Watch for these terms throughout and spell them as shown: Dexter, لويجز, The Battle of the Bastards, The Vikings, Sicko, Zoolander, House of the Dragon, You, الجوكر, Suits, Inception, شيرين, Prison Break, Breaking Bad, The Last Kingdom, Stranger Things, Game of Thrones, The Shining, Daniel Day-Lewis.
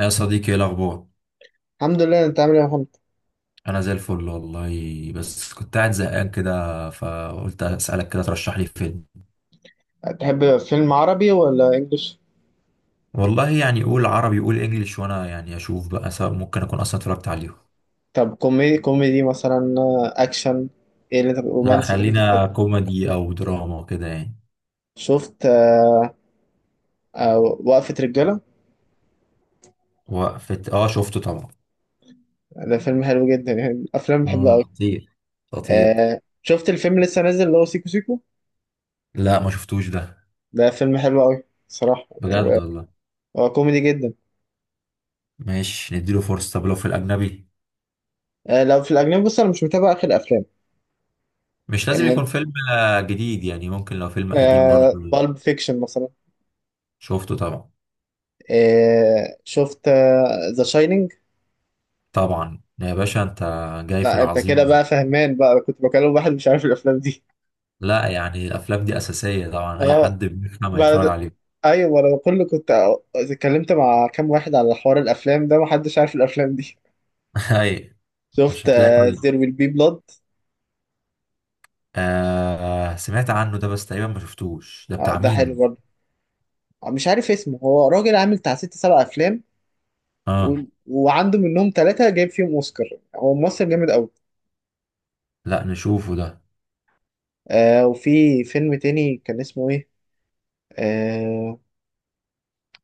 يا صديقي، ايه الاخبار؟ الحمد لله. انت عامل ايه يا محمد؟ انا زي الفل والله، بس كنت قاعد زهقان كده فقلت اسالك كده ترشح لي فيلم. تحب فيلم عربي ولا انجليش؟ والله يعني قول عربي قول انجليش، وانا يعني اشوف بقى، سواء ممكن اكون اصلا اتفرجت عليهم. طب كوميدي كوميدي مثلا، اكشن، ايه اللي انت، لا، رومانسي، ايه اللي انت خلينا بتحبه؟ كوميدي او دراما كده يعني. شفت وقفة رجالة؟ وقفة، اه شفته طبعا. ده فيلم حلو جدا، يعني من الافلام اللي بحبها اه، قوي. خطير. خطير. شفت الفيلم اللي لسه نازل اللي هو سيكو سيكو؟ لا، ما شفتوش ده. ده فيلم حلو قوي صراحة، بجد وهو والله؟ كوميدي جدا. ماشي، نديله فرصة. طب لو في الاجنبي؟ لو في الاجنبي بص انا مش متابع اخر افلام. مش لازم آه يكون فيلم جديد، يعني ممكن لو فيلم قديم برضه. بالب فيكشن مثلا. شفته طبعا. شفت ذا شاينينج؟ طبعا يا باشا انت. جاي في لا انت كده العظيم. بقى فهمان بقى، انا كنت بكلم واحد مش عارف الافلام دي. لا يعني، الافلام دي اساسيه طبعا، اي اه، حد بيفهم هيتفرج بعد، عليه. ايوه ما انا كله كنت اتكلمت مع كام واحد على حوار الافلام ده محدش عارف الافلام دي. اي. شفت مش هتلاقي كل. زير ويل بي بلاد؟ آه، سمعت عنه ده بس تقريبا ما شفتوش. ده بتاع ده حلو مين؟ برضه. مش عارف اسمه، هو راجل عامل بتاع ست سبع افلام و... اه. وعنده منهم ثلاثة جايب فيهم اوسكار. هو ممثل جامد قوي. لا، نشوفه ده. وفي فيلم تاني كان اسمه ايه؟ آه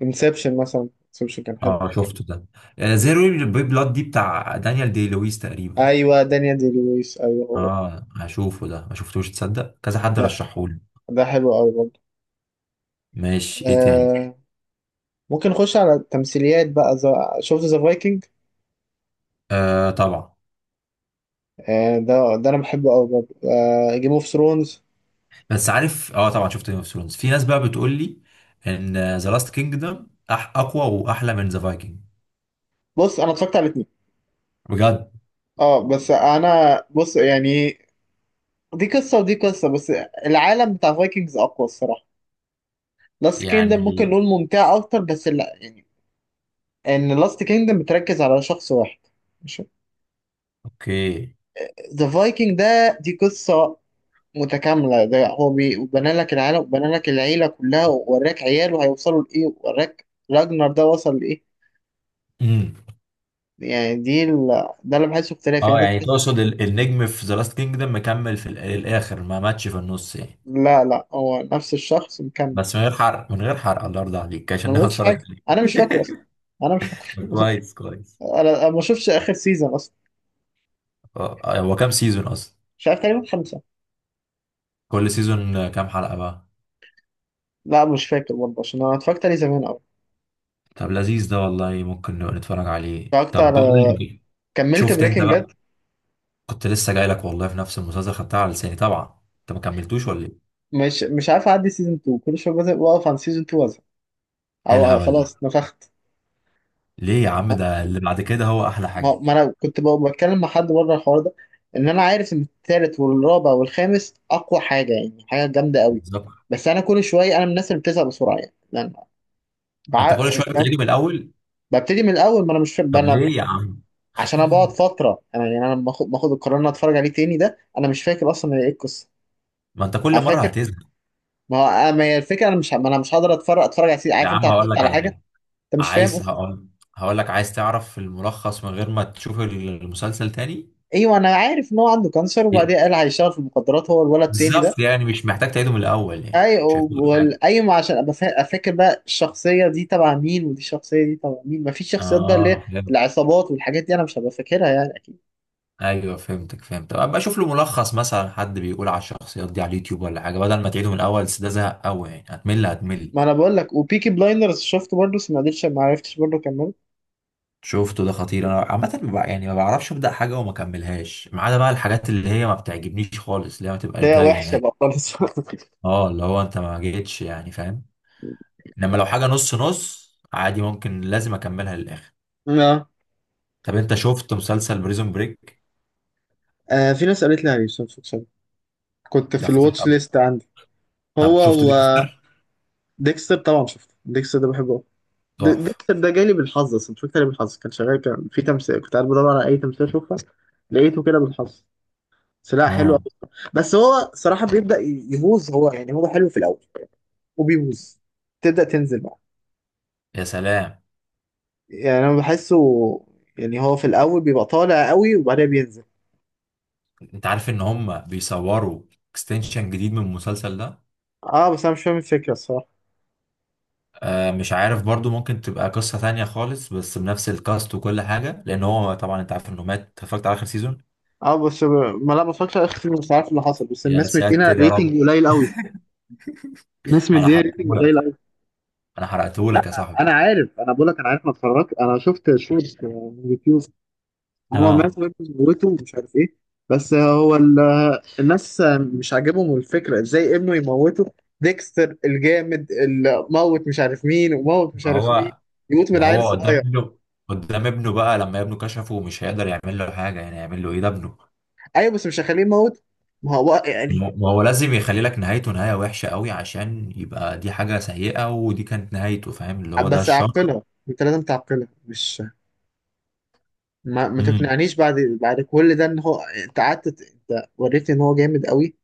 انسبشن مثلا، انسبشن كان حلو. اه، شفته ده. آه، زيرو بي بلاد دي بتاع دانيال دي لويس تقريبا. ايوه دانيال دي لويس، ايوه هو. اه، هشوفه ده. ما شفتوش. تصدق كذا حد ده رشحهولي؟ ده حلو قوي. ماشي، ايه تاني؟ آه ممكن نخش على التمثيليات بقى. شفت ذا فايكنج؟ آه، طبعا. آه ده انا بحبه قوي برضه. آه، جيم اوف ثرونز، بس عارف، اه طبعا شفت جيم اوف ثرونز. في ناس بقى بتقول لي ان ذا لاست كينجدم اقوى واحلى من ذا فايكنج. بص انا اتفرجت على الاثنين. بجد؟ اه بس انا بص يعني دي قصه ودي قصه، بس العالم بتاع فايكنجز اقوى الصراحه. لاست كيندم ممكن يعني. نقول ممتع اكتر بس لا يعني، ان لاست كيندم بتركز على شخص واحد. اوكي. ذا فايكنج ده دي قصه متكامله، ده هو بنى لك العالم وبنى لك العيله كلها، ووراك عياله هيوصلوا لايه، ووراك راجنر ده وصل لإيه. امم. يعني ده اللي بحسه اختلاف، اه يعني انت يعني بتحس. تقصد النجم في ذا لاست كينجدم مكمل في الاخر، ما ماتش في النص يعني. لا لا، هو نفس الشخص مكمل. بس من غير حرق، من غير حرق، الله يرضى عليك عشان انا ما ناخد قلتش اتفرج حاجه، عليك. انا مش فاكره اصلا، انا مش فاكره. طب كويس كويس. انا ما شفتش اخر سيزون اصلا. اه. هو كام سيزون اصلا؟ مش عارف، تقريبا خمسه. كل سيزون كام حلقة بقى؟ لا مش فاكر برضه، عشان انا اتفرجت عليه زمان قوي. طب لذيذ ده والله، ممكن نبقى نتفرج عليه. اتفرجت طب بقول على لي، كملت شفت انت بريكنج باد. بقى؟ كنت لسه جاي لك والله في نفس المسلسل، خدتها على لساني. طبعا انت ما كملتوش ولا ايه؟ مش عارف اعدي سيزون 2، كل شويه بزهق واقف عن سيزون 2 وازهق، ايه او الهبل ده؟ خلاص نفخت. ليه يا عم؟ ده اللي بعد كده هو احلى ما حاجه. ما انا كنت بقى بتكلم مع حد بره الحوار ده، ان انا عارف ان التالت والرابع والخامس اقوى حاجه، يعني حاجه جامده قوي. بالظبط. بس انا كل شويه، انا من الناس اللي بتزهق بسرعه، يعني لأن انت بع... كل شويه فاهم؟ بتعيده من الاول؟ ببتدي من الاول، ما انا مش فاهم طب انا، ليه يا عم؟ عشان انا بقعد فتره، انا يعني انا لما باخد القرار ان أنا اتفرج عليه تاني، ده انا مش فاكر اصلا ايه القصه. ما انت كل انا مره فاكر. هتزهق. ما هو أنا- ما هي الفكره، انا مش ه- ما انا مش هقدر اتفرج على يا عارف انت عم، هتفوت هقول لك على على حاجه. حاجه. انت مش فاهم اصلا. هقول. هقول لك، عايز تعرف الملخص من غير ما تشوف المسلسل تاني؟ ايوه انا عارف ان هو عنده كانسر، وبعدين قال هيشتغل في المخدرات، هو الولد التاني ده. بالظبط يعني، مش محتاج تعيده من الاول، يعني اي مش هيفوتك حاجه. والايوه، عشان ابقى فاكر بقى الشخصيه دي تبع مين، ودي الشخصيه دي تبع مين، مفيش شخصيات بقى اللي هي اه. العصابات والحاجات دي انا مش هبقى فاكرها يعني اكيد. ايوه، فهمتك فهمت. طب ابقى اشوف له ملخص مثلا، حد بيقول على الشخصيات دي على اليوتيوب ولا حاجه بدل ما تعيده من الاول، بس ده زهق قوي يعني، هتمل هتمل. ما انا بقول لك، وبيكي بلايندرز شفته برضه بس ما قدرتش، ما عرفتش برضه كملت. شفته ده، خطير. انا عامه ما بع- يعني ما بعرفش ابدا حاجه وما اكملهاش، ما عدا بقى الحاجات اللي هي ما بتعجبنيش خالص، اللي هي ما ده تبقاش هي جايه وحشه نهائي. بقى خالص. اه، اللي هو انت ما جيتش يعني، فاهم. انما لو حاجه نص نص عادي، ممكن لازم اكملها للاخر. اه طب انت شفت مسلسل بريزون بريك؟ في ناس قالت لي عليه بس أنا مش فاكر. كنت في ده خطير الواتش قوي. ليست عندي. هو طب شفت و ديكستر؟ ديكستر، طبعا شفته ديكستر ده بحبه أوي. تحفه. ديكستر ده جالي بالحظ، اصلا مش فاكر، بالحظ كان شغال كان في تمثيل، كنت قاعد بدور على اي تمثيل اشوفها، لقيته كده بالحظ. بس لا حلو. اه. بس هو صراحة بيبدأ يبوظ، هو يعني هو حلو في الأول وبيبوظ، تبدأ تنزل بقى. يا سلام. يعني أنا بحسه، يعني هو في الأول بيبقى طالع قوي وبعدين بينزل. انت عارف ان هم بيصوروا اكستنشن جديد من المسلسل ده؟ اه بس أنا مش فاهم الفكرة الصراحة. آه، مش عارف برضو، ممكن تبقى قصة تانية خالص بس بنفس الكاست وكل حاجة، لان هو طبعا انت عارف انه مات. اتفرجت على اخر سيزون. اه بس ب... ما لا بفكرش آخر، مش عارف اللي حصل، بس يا الناس مدينا ساتر يا رب. ريتنج قليل قوي. الناس انا مدينا ريتنج قليل حرقتهولك. قوي. انا لا حرقتهولك يا صاحبي. أنا عارف، أنا بقول لك أنا عارف، ما اتفرجت، أنا شفت شورت من يوتيوب. هو اه، مات وابنه موته، ومش عارف ايه. بس هو الناس مش عاجبهم الفكرة ازاي ابنه يموته. ديكستر الجامد اللي موت مش عارف مين وموت مش ما عارف مين هو يموت من ما عيل هو قدام صغير؟ ابنه. قدام ابنه بقى، لما ابنه كشفه مش هيقدر يعمل له حاجة. يعني يعمل له ايه؟ ده ابنه. ايوه بس مش هخليه يموت. ما هو يعني، ما هو لازم يخلي لك نهايته، نهاية وحشة قوي، عشان يبقى دي حاجة سيئة ودي كانت نهايته. فاهم اللي هو ده بس الشر؟ عقلها، انت لازم تعقلها، مش ما تقنعنيش بعد، بعد كل ده، ان هو انت قعدت انت وريتني ان هو جامد قوي،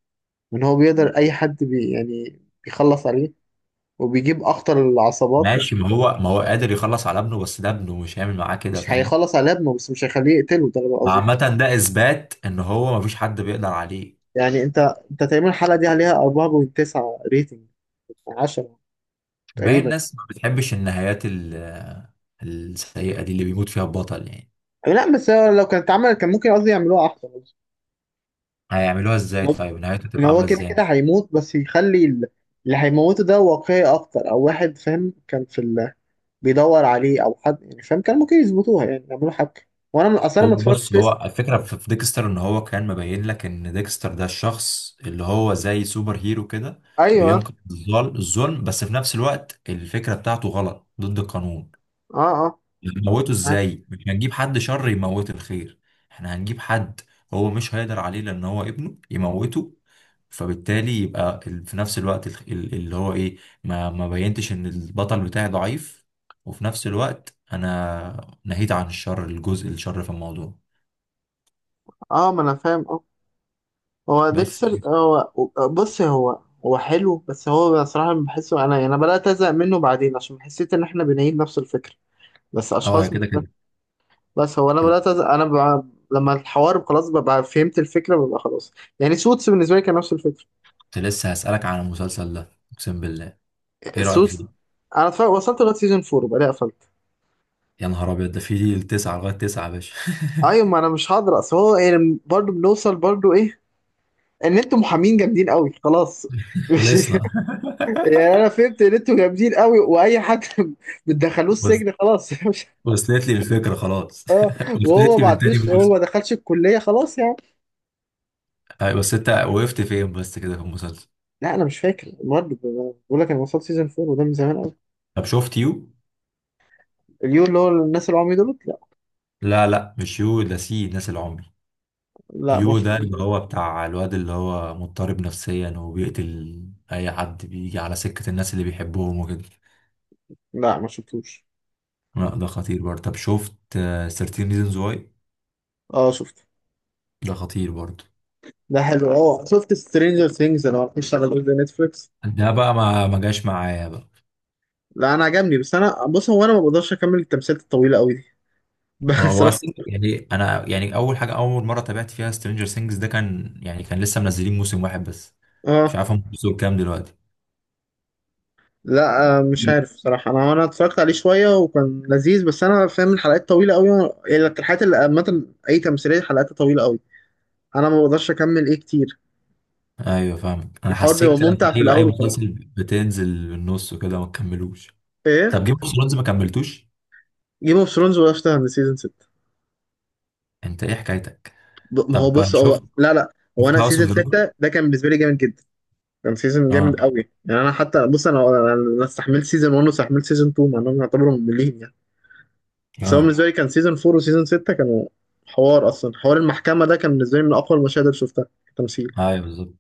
وان هو بيقدر اي حد بي، يعني بيخلص عليه، وبيجيب اخطر العصابات. ماشي، ما هو قادر يخلص على ابنه، بس ده ابنه مش هيعمل معاه كده، مش فاهم. هيخلص على ابنه، بس مش هيخليه يقتله، ده اللي قصدي فيه. عامة ده إثبات إن هو مفيش حد بيقدر عليه. يعني انت انت تقريبا الحلقه دي عليها 4.9 ريتنج 10 ما هي تقريبا. الناس ما بتحبش النهايات السيئة دي، اللي بيموت فيها البطل يعني. لا بس هو لو كانت اتعملت كان ممكن قصدي يعملوها احسن. هيعملوها إزاي؟ ممكن طيب نهايته ان تبقى هو عاملة كده إزاي؟ كده هيموت، بس يخلي اللي هيموته ده واقعي اكتر، او واحد فاهم كان في بيدور عليه، او حد يعني فاهم، كان ممكن يظبطوها يعني يعملوا حاجه. اصلا هو ما بص، اتفرجتش هو لسه. الفكرة في ديكستر إن هو كان مبين لك إن ديكستر ده الشخص اللي هو زي سوبر هيرو كده. ايوه. بينقذ الظلم، بس في نفس الوقت الفكرة بتاعته غلط ضد القانون. اه اه هنموته اه ازاي؟ مش هنجيب حد شر يموت الخير. احنا هنجيب حد. هو مش هيقدر عليه لان هو ابنه يموته. فبالتالي يبقى في نفس الوقت اللي هو ايه. ما بينتش ان البطل بتاعي ضعيف. وفي نفس الوقت انا نهيت عن الشر، الجزء الشر في الموضوع. آه ما انا فاهم. اه. بس. هو، بص هو هو حلو، بس هو بصراحة بحسه، أنا بدأت أزهق منه بعدين عشان حسيت إن إحنا بنعيد نفس الفكرة بس اه يا، أشخاص كده مختلفة. كده بس هو أنا كده. بدأت أزهق أنا بقى، لما الحوار خلاص ببقى فهمت الفكرة ببقى خلاص. يعني سوتس بالنسبة لي كان نفس الفكرة. كنت لسه هسألك عن المسلسل ده اقسم بالله. ايه رأيك سوتس، فيه؟ أنا اتفرج، وصلت لغاية سيزون فور وبعدين قفلت. يا نهار ابيض، ده فيه تسعة لغاية تسعة يا باشا. أيوة، ما أنا مش هقدر، أصل هو يعني برضه بنوصل برضه إيه، إن أنتوا محامين جامدين قوي، خلاص. مش خلصنا. يعني، أنا فهمت إن أنتوا جامدين قوي وأي حد بتدخلوه بس. السجن خلاص. وصلت لي الفكرة خلاص، اه، وهو وصلت لي ما من تاني عندوش، هو موسم. ما دخلش الكليه خلاص يعني. أيوة، بس انت وقفت فين بس كده في المسلسل؟ لا انا مش فاكر، المهم بقول لك انا وصلت سيزون 4 وده من زمان قوي. طب شفت يو؟ اليو اللي هو الناس العمي دول؟ لا. لا، لا، مش يو ده سي ناس العمي. لا ما يو ده شفتوش اللي ده. هو بتاع الواد اللي هو مضطرب نفسيا وبيقتل اي حد بيجي على سكة الناس اللي بيحبهم وكده. لا ما شفتوش. لا ده خطير برضه. طب شفت 13 ريزونز واي؟ اه شفته، ده خطير برضه. ده حلو. اه شفت سترينجر ثينجز، انا ما اعرفش على جزء نتفليكس. ده بقى ما جاش معايا بقى. لا انا عجبني بس انا بص، هو انا ما بقدرش اكمل التمثيلات الطويله قوي دي هو بصراحه. يعني انا يعني اول مره تابعت فيها سترينجر سينجز ده، كان لسه منزلين موسم واحد بس. مش اه عارف هم وصلوا كام دلوقتي. لا، مش عارف صراحة، أنا اتفرجت عليه شوية وكان لذيذ، بس أنا فاهم الحلقات طويلة أوي، يعني الحلقات اللي عامة أي تمثيلية حلقاتها طويلة أوي، انا ما بقدرش اكمل ايه كتير. ايوه، فاهمك. انا الحوار بيبقى حسيت كده انت، ممتع في ايوه، اي الاول وخلاص. مسلسل بتنزل بالنص وكده ما تكملوش. ايه، طب جيم اوف ثرونز ما كملتوش؟ جيم اوف ثرونز وقفتها عند سيزون 6. انت ايه حكايتك؟ ما هو طب بص، هو شفت لا هو شفت انا هاوس اوف سيزون دراجون؟ 6 ده كان بالنسبه لي جامد جدا، كان سيزون جامد اه، قوي. يعني انا حتى بص، انا استحملت سيزون 1 واستحملت سيزون 2، مع انهم يعتبروا مملين يعني. بس هو اه. بالنسبه لي كان سيزون 4 وسيزون 6 كانوا حوار، اصلا حوار المحكمه ده كان بالنسبه لي من اقوى المشاهد اللي شفتها تمثيل. ايوه بالظبط.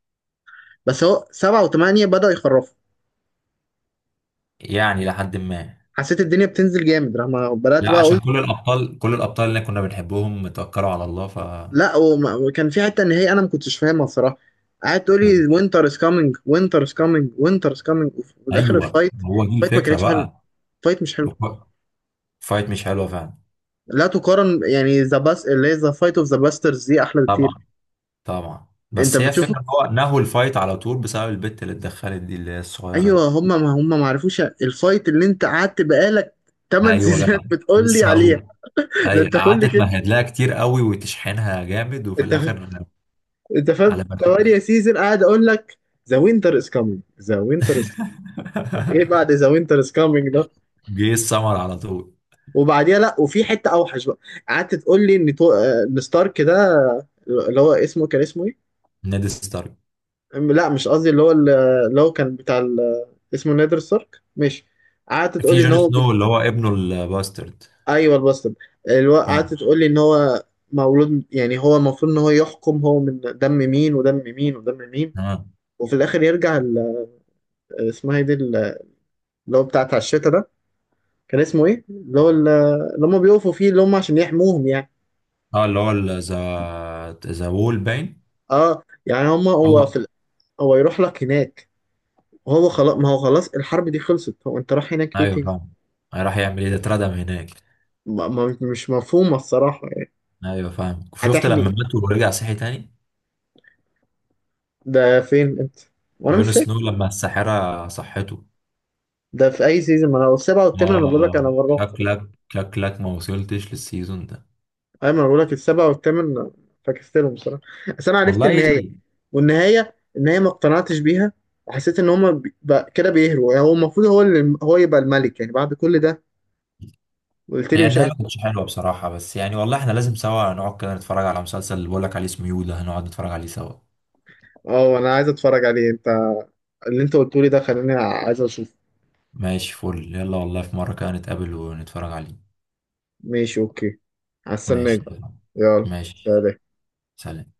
بس هو 7 و8 بدأوا يخرفوا، يعني لحد ما. حسيت الدنيا بتنزل جامد لما بدأت لا بقى عشان اقول. كل الابطال، كل الابطال اللي كنا بنحبهم اتوكلوا على الله، لا وكان في حته ان هي انا ما كنتش فاهمها الصراحه، قعدت تقول إيه، لي وينتر از كامينج، وينتر از كامينج، وينتر از كامينج، وفي الاخر ايوه الفايت، هو دي الفايت ما الفكره. كانتش حلوه، الفايت مش حلو. بقى. فايت مش حلوه فعلا. لا تقارن، يعني ذا باس اللي هي ذا فايت اوف ذا باسترز دي احلى بكتير. طبعا. طبعا، انت بس هي بتشوف، فكره، هو نهوا الفايت على طول بسبب البت اللي اتدخلت دي، اللي هي الصغيره دي. ايوه هم، ما عرفوش الفايت، اللي انت قعدت بقالك 8 ايوه سيزونات جدع. بتقول لي لسه عليها. هقول. ده ايوه، انت قعدت كل كده، تمهد لها كتير قوي وتشحنها جامد، وفي انت الاخر انت فاهم، على ما 8 فيش. سيزون قاعد اقول لك ذا وينتر از كامينج، ذا وينتر از كامينج، ايه بعد ذا وينتر از كامينج؟ جه السمر على طول. وبعديها لا وفي حته اوحش بقى، قعدت تقول لي ان تو... آه، ان ستارك ده اللي هو اسمه كان اسمه ايه؟ نيد ستارك. لا مش قصدي اللي هو كان بتاع اسمه نادر ستارك ماشي. قعدت تقول في لي ان جون هو، سنو اللي هو ابنه الباسترد. ايوه الباسترد، قعدت اه، تقول لي ان هو مولود، يعني هو المفروض ان هو يحكم، هو من دم مين ودم مين ودم مين، اه، وفي الاخر يرجع اسمها ايه دي اللي هو بتاع الشتا ده، كان اسمه ايه؟ اللي هم بيقفوا فيه، اللي هم عشان يحموهم يعني. اه، اللي هو ذا وول باين. اه، يعني هم، هو. هو يروح لك هناك، وهو خلاص، ما هو خلاص الحرب دي خلصت، هو انت رايح هناك ليه ايوه تاني؟ فاهم. راح يعمل ايه؟ ده اتردم هناك. مش مفهومة الصراحة يعني. ايوه فاهم. شفت هتحمي لما ايه؟ مات ورجع صحي تاني؟ ده فين انت؟ وانا مش جون سنو فاكر. لما الساحرة صحته. ده في اي سيزون؟ ما انا السبعة والثامن انا بقول لك اه، انا بروح خلاص. شكلك ما وصلتش للسيزون ده. ايوه ما انا بقول لك السبعة والثامن فكستلهم بصراحة. بس انا عرفت والله. النهاية، والنهاية ما اقتنعتش بيها، وحسيت ان هما بقى كده بيهروا يعني، هو المفروض هو اللي هو يبقى الملك يعني بعد كل ده؟ قلت لي هي مش النهاية عارف. ما كانتش حلوة بصراحة، بس يعني والله احنا لازم سوا نقعد كده نتفرج على مسلسل اللي بقولك عليه اسمه يو ده، هنقعد نتفرج عليه سوا. اه، انا عايز اتفرج عليه. انت اللي انت قلته لي ده خلاني عايز اشوفه. ماشي، فل، يلا والله في مرة كده نتقابل ونتفرج عليه. ماشي، اوكي، هستناك ماشي بقى. تمام. يلا ماشي. سلام. سلام.